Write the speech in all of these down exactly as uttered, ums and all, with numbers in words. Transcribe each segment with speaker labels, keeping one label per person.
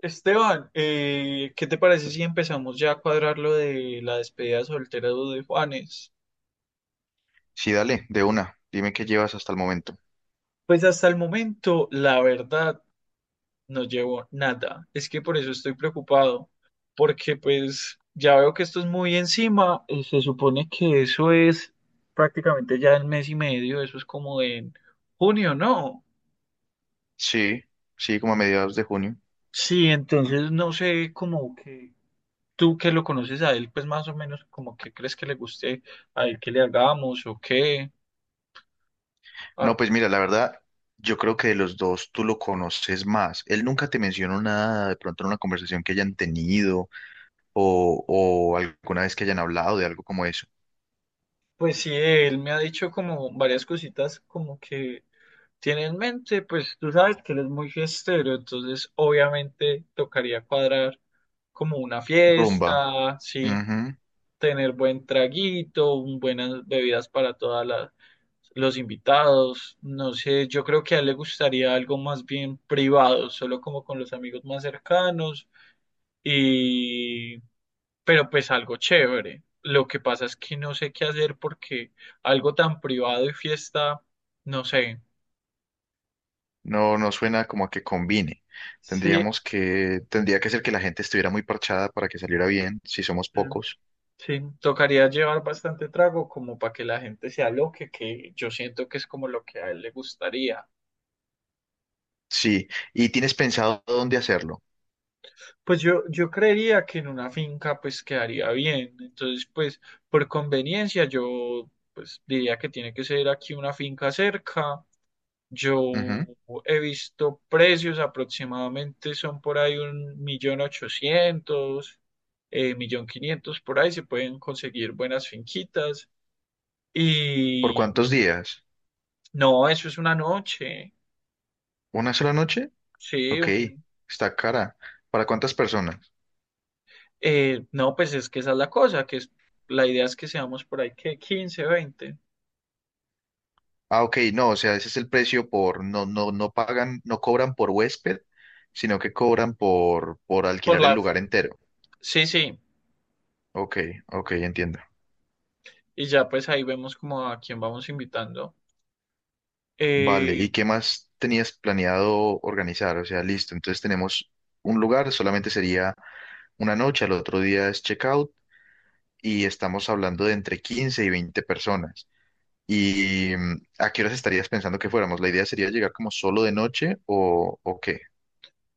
Speaker 1: Esteban, eh, ¿qué te parece si empezamos ya a cuadrar lo de la despedida soltera de Juanes?
Speaker 2: Sí, dale, de una. Dime qué llevas hasta el momento.
Speaker 1: Pues hasta el momento, la verdad, no llevo nada. Es que por eso estoy preocupado, porque pues ya veo que esto es muy encima. eh, Se supone que eso es prácticamente ya en mes y medio, eso es como en junio, ¿no?
Speaker 2: Sí, sí, como a mediados de junio.
Speaker 1: Sí, entonces no sé como que tú que lo conoces a él, pues más o menos como que crees que le guste a él que le hagamos o qué.
Speaker 2: No,
Speaker 1: Ah.
Speaker 2: pues mira, la verdad, yo creo que de los dos tú lo conoces más. Él nunca te mencionó nada, de pronto en una conversación que hayan tenido o, o alguna vez que hayan hablado de algo como eso.
Speaker 1: Pues sí, él me ha dicho como varias cositas como que tiene en mente, pues tú sabes que él es muy fiestero, entonces obviamente tocaría cuadrar como una
Speaker 2: Rumba.
Speaker 1: fiesta, sí,
Speaker 2: Ujú.
Speaker 1: tener buen traguito, un- buenas bebidas para todas las los invitados, no sé, yo creo que a él le gustaría algo más bien privado, solo como con los amigos más cercanos, pero pues algo chévere. Lo que pasa es que no sé qué hacer porque algo tan privado y fiesta, no sé.
Speaker 2: No, no suena como a que combine.
Speaker 1: Sí, eh,
Speaker 2: Tendríamos que, tendría que ser que la gente estuviera muy parchada para que saliera bien, si somos pocos.
Speaker 1: sí, tocaría llevar bastante trago como para que la gente se aloque, que yo siento que es como lo que a él le gustaría.
Speaker 2: Sí, ¿y tienes pensado dónde hacerlo?
Speaker 1: Pues yo, yo creería que en una finca pues quedaría bien. Entonces, pues por conveniencia yo pues diría que tiene que ser aquí una finca cerca. Yo
Speaker 2: Ujú.
Speaker 1: he visto precios aproximadamente, son por ahí un millón ochocientos, eh, millón quinientos, por ahí se pueden conseguir buenas finquitas.
Speaker 2: ¿Por
Speaker 1: Y
Speaker 2: cuántos días?
Speaker 1: no, eso es una noche,
Speaker 2: ¿Una sola noche?
Speaker 1: sí.
Speaker 2: Ok,
Speaker 1: un-
Speaker 2: está cara. ¿Para cuántas personas?
Speaker 1: eh, no, pues es que esa es la cosa, que es- la idea es que seamos por ahí que quince veinte.
Speaker 2: Ah, ok, no, o sea, ese es el precio por, no, no, no pagan, no cobran por huésped, sino que cobran por, por
Speaker 1: por
Speaker 2: alquilar el
Speaker 1: la,
Speaker 2: lugar entero.
Speaker 1: sí, sí,
Speaker 2: Ok, ok, entiendo.
Speaker 1: y ya pues ahí vemos como a quién vamos invitando.
Speaker 2: Vale, ¿y
Speaker 1: Eh,
Speaker 2: qué más tenías planeado organizar? O sea, listo, entonces tenemos un lugar, solamente sería una noche, al otro día es checkout y estamos hablando de entre quince y veinte personas. ¿Y mm, a qué horas estarías pensando que fuéramos? ¿La idea sería llegar como solo de noche o, o qué?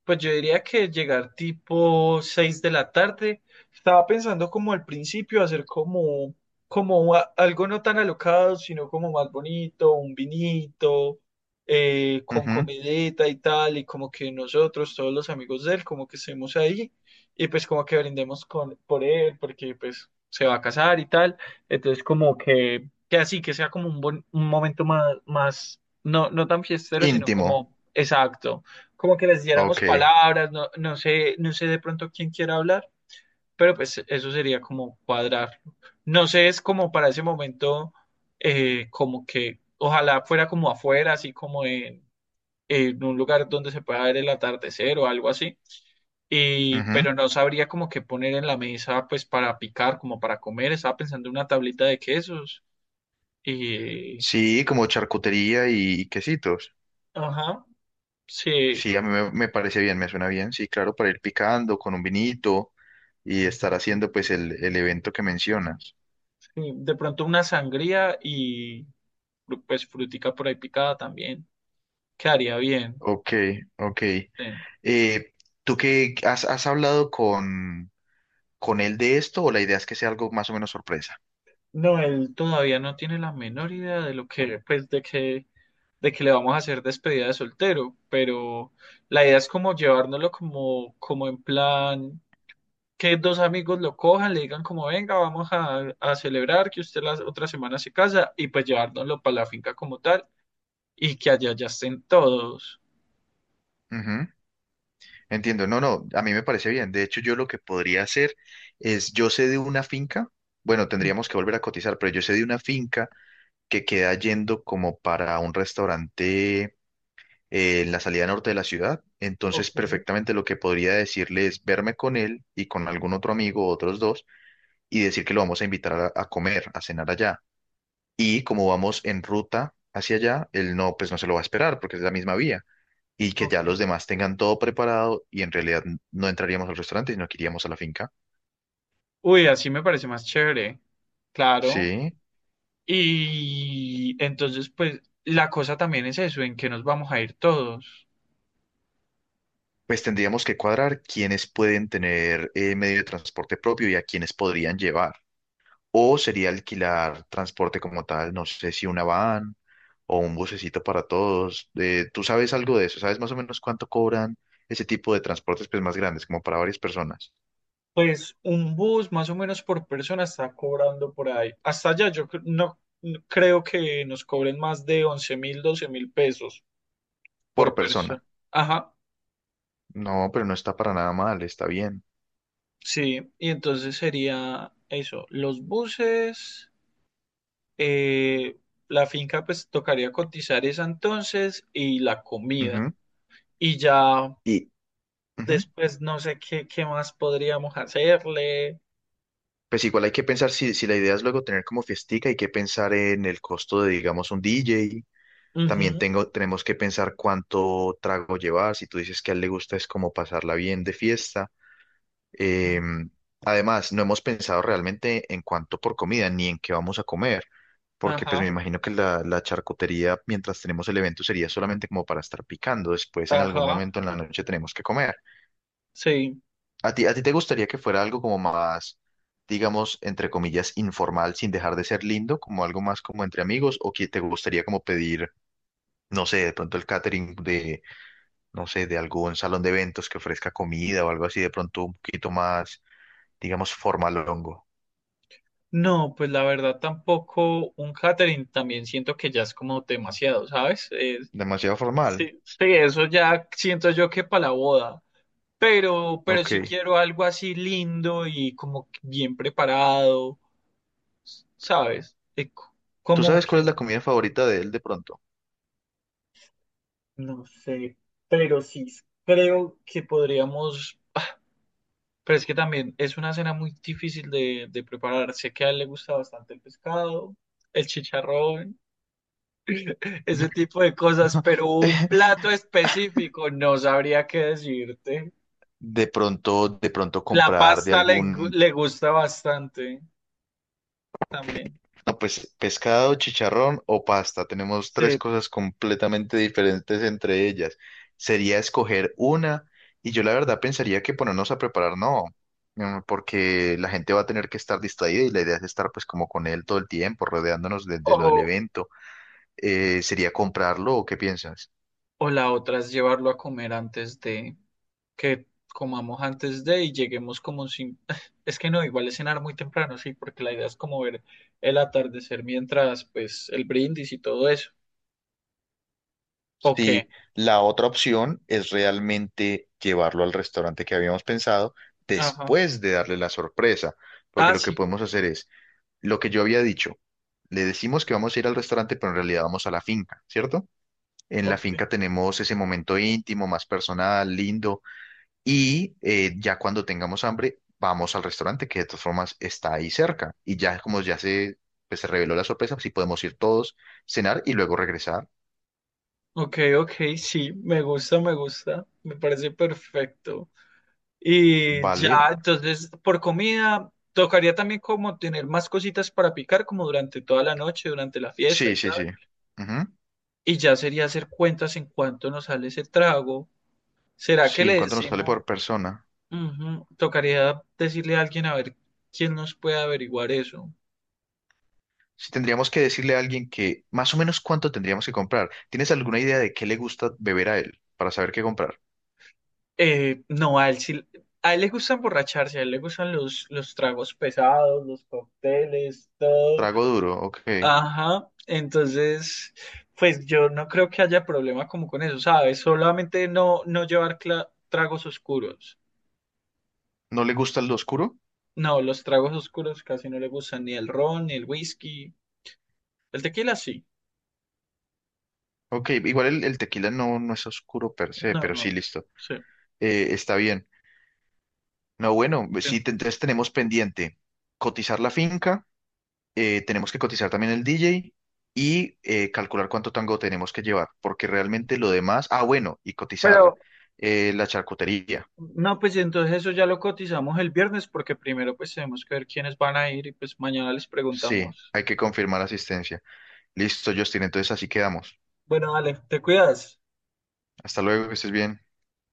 Speaker 1: Pues yo diría que llegar tipo seis de la tarde. Estaba pensando como al principio hacer como, como a- algo no tan alocado, sino como más bonito, un vinito, eh, con
Speaker 2: Ujú.
Speaker 1: comidita y tal, y como que nosotros, todos los amigos de él, como que estemos ahí, y pues como que brindemos con, por él, porque pues se va a casar y tal. Entonces como que, que así, que sea como un, buen, un momento más, más, no, no tan fiestero, sino
Speaker 2: Íntimo.
Speaker 1: como exacto, como que les diéramos
Speaker 2: Ok.
Speaker 1: palabras, no, no sé, no sé de pronto quién quiera hablar, pero pues eso sería como cuadrarlo. No sé, es como para ese momento, eh, como que ojalá fuera como afuera, así como en, en un lugar donde se pueda ver el atardecer o algo así. Y,
Speaker 2: Ujú.
Speaker 1: pero no sabría como qué poner en la mesa, pues para picar, como para comer. Estaba pensando en una tablita de quesos y,
Speaker 2: Sí, como charcutería y quesitos.
Speaker 1: ajá, sí,
Speaker 2: Sí, a mí me, me parece bien, me suena bien. Sí, claro, para ir picando con un vinito y estar haciendo pues el, el evento que mencionas.
Speaker 1: sí, de pronto una sangría y fru- pues frutica por ahí picada también, quedaría bien.
Speaker 2: Ok, ok.
Speaker 1: Sí.
Speaker 2: Eh, ¿Tú qué has, has hablado con, con él de esto o la idea es que sea algo más o menos sorpresa?
Speaker 1: No, él todavía no tiene la menor idea de lo que, pues, de que, de que le vamos a hacer despedida de soltero, pero la idea es como llevárnoslo como, como en plan, que dos amigos lo cojan, le digan como, venga, vamos a, a celebrar que usted la otra semana se casa, y pues llevárnoslo para la finca como tal, y que allá ya estén todos.
Speaker 2: Ujú. Entiendo, no, no, a mí me parece bien. De hecho, yo lo que podría hacer es, yo sé de una finca, bueno,
Speaker 1: Mm.
Speaker 2: tendríamos que volver a cotizar, pero yo sé de una finca que queda yendo como para un restaurante eh, en la salida norte de la ciudad. Entonces,
Speaker 1: Ok,
Speaker 2: perfectamente lo que podría decirle es verme con él y con algún otro amigo, otros dos, y decir que lo vamos a invitar a, a comer, a cenar allá. Y como vamos en ruta hacia allá, él no, pues no se lo va a esperar porque es la misma vía. Y que ya
Speaker 1: ok.
Speaker 2: los demás tengan todo preparado y en realidad no entraríamos al restaurante, sino que iríamos a la finca.
Speaker 1: Uy, así me parece más chévere. Claro.
Speaker 2: Sí.
Speaker 1: Y entonces, pues la cosa también es eso, en que nos vamos a ir todos.
Speaker 2: Pues tendríamos que cuadrar quiénes pueden tener eh, medio de transporte propio y a quiénes podrían llevar. O sería alquilar transporte como tal, no sé si una van o un bucecito para todos. Eh, ¿tú sabes algo de eso? ¿Sabes más o menos cuánto cobran ese tipo de transportes pues, más grandes, como para varias personas?
Speaker 1: Pues un bus más o menos por persona está cobrando por ahí. Hasta allá yo cre- no, no creo que nos cobren más de once mil, doce mil pesos
Speaker 2: Por
Speaker 1: por
Speaker 2: persona.
Speaker 1: persona. Ajá,
Speaker 2: No, pero no está para nada mal, está bien.
Speaker 1: sí. Y entonces sería eso, los buses, eh, la finca pues tocaría cotizar esa entonces y la comida.
Speaker 2: Ujú.
Speaker 1: Y ya
Speaker 2: Y ujú.
Speaker 1: después no sé qué, qué más podríamos hacerle.
Speaker 2: Pues igual hay que pensar si, si la idea es luego tener como fiestica, hay que pensar en el costo de, digamos, un D J.
Speaker 1: Ujú,
Speaker 2: También tengo, tenemos que pensar cuánto trago llevar. Si tú dices que a él le gusta es como pasarla bien de fiesta. Eh,
Speaker 1: ujú.
Speaker 2: Además, no hemos pensado realmente en cuánto por comida ni en qué vamos a comer, porque pues me
Speaker 1: Ajá,
Speaker 2: imagino que la, la charcutería mientras tenemos el evento sería solamente como para estar picando, después en algún
Speaker 1: ajá,
Speaker 2: momento en la noche tenemos que comer.
Speaker 1: sí.
Speaker 2: ¿A ti, a ti te gustaría que fuera algo como más, digamos, entre comillas, informal, sin dejar de ser lindo, como algo más como entre amigos, o que te gustaría como pedir, no sé, de pronto el catering de, no sé, de algún salón de eventos que ofrezca comida o algo así, de pronto un poquito más, digamos, formalongo?
Speaker 1: No, pues la verdad tampoco un catering también siento que ya es como demasiado, ¿sabes? Es-
Speaker 2: Demasiado formal.
Speaker 1: sí, sí, eso ya siento yo que para la boda, pero, pero sí
Speaker 2: Ok.
Speaker 1: quiero algo así lindo y como que bien preparado, ¿sabes? Eh, co-
Speaker 2: ¿Tú
Speaker 1: como
Speaker 2: sabes cuál es
Speaker 1: que,
Speaker 2: la comida favorita de él de pronto?
Speaker 1: no sé, pero sí creo que podríamos. Pero es que también es una cena muy difícil de, de preparar. Sé que a él le gusta bastante el pescado, el chicharrón, ese tipo de cosas, pero un plato específico no sabría qué decirte.
Speaker 2: De pronto, de pronto
Speaker 1: La
Speaker 2: comprar de
Speaker 1: pasta le, gu-
Speaker 2: algún,
Speaker 1: le gusta bastante también.
Speaker 2: no, pues pescado, chicharrón o pasta. Tenemos tres
Speaker 1: Sí.
Speaker 2: cosas completamente diferentes entre ellas. Sería escoger una y yo la verdad pensaría que ponernos a preparar, no, mm, porque la gente va a tener que estar distraída y la idea es estar pues como con él todo el tiempo, rodeándonos de, de lo del
Speaker 1: O,
Speaker 2: evento. Eh, ¿sería comprarlo o qué piensas?
Speaker 1: o la otra es llevarlo a comer antes de, que comamos antes de y lleguemos como sin... Es que no, igual es cenar muy temprano, sí, porque la idea es como ver el atardecer mientras, pues, el brindis y todo eso. Ok,
Speaker 2: Sí, la otra opción es realmente llevarlo al restaurante que habíamos pensado
Speaker 1: ajá.
Speaker 2: después de darle la sorpresa, porque
Speaker 1: Ah,
Speaker 2: lo que
Speaker 1: sí,
Speaker 2: podemos hacer es lo que yo había dicho. Le decimos que vamos a ir al restaurante, pero en realidad vamos a la finca, ¿cierto? En la
Speaker 1: ok.
Speaker 2: finca tenemos ese momento íntimo, más personal, lindo, y eh, ya cuando tengamos hambre, vamos al restaurante, que de todas formas está ahí cerca. Y ya como ya se, pues, se reveló la sorpresa, sí podemos ir todos, cenar y luego regresar.
Speaker 1: Ok, ok, sí, me gusta, me gusta, me parece perfecto. Y
Speaker 2: Vale.
Speaker 1: ya, entonces, por comida, tocaría también como tener más cositas para picar, como durante toda la noche, durante la fiesta
Speaker 2: Sí,
Speaker 1: y
Speaker 2: sí,
Speaker 1: tal.
Speaker 2: sí. Ujú.
Speaker 1: Y ya sería hacer cuentas en cuánto nos sale ese trago. ¿Será que
Speaker 2: Sí, en
Speaker 1: le
Speaker 2: cuánto nos sale
Speaker 1: decimos?
Speaker 2: por persona.
Speaker 1: Ujú. Tocaría decirle a alguien a ver quién nos puede averiguar eso.
Speaker 2: Si tendríamos que decirle a alguien que más o menos cuánto tendríamos que comprar. ¿Tienes alguna idea de qué le gusta beber a él para saber qué comprar?
Speaker 1: Eh, no, a él sí, a él le gusta emborracharse, a él le gustan los, los tragos pesados, los cócteles, todo.
Speaker 2: Trago duro, ok.
Speaker 1: Ajá, entonces, pues yo no creo que haya problema como con eso, ¿sabes? Solamente no, no llevar cla- tragos oscuros.
Speaker 2: ¿No le gusta el oscuro?
Speaker 1: No, los tragos oscuros casi no le gustan, ni el ron, ni el whisky. El tequila sí.
Speaker 2: Ok, igual el, el tequila no, no es oscuro per se,
Speaker 1: No,
Speaker 2: pero sí,
Speaker 1: no,
Speaker 2: listo.
Speaker 1: sí.
Speaker 2: Eh, está bien. No, bueno,
Speaker 1: Sí.
Speaker 2: sí, te- entonces tenemos pendiente cotizar la finca. Eh, tenemos que cotizar también el D J y eh, calcular cuánto tango tenemos que llevar, porque realmente lo demás, ah, bueno, y cotizar
Speaker 1: Pero,
Speaker 2: eh, la charcutería.
Speaker 1: no, pues entonces eso ya lo cotizamos el viernes porque primero pues tenemos que ver quiénes van a ir y pues mañana les
Speaker 2: Sí,
Speaker 1: preguntamos.
Speaker 2: hay que confirmar asistencia. Listo, Justin, entonces así quedamos.
Speaker 1: Bueno, vale, te cuidas.
Speaker 2: Hasta luego, que estés bien.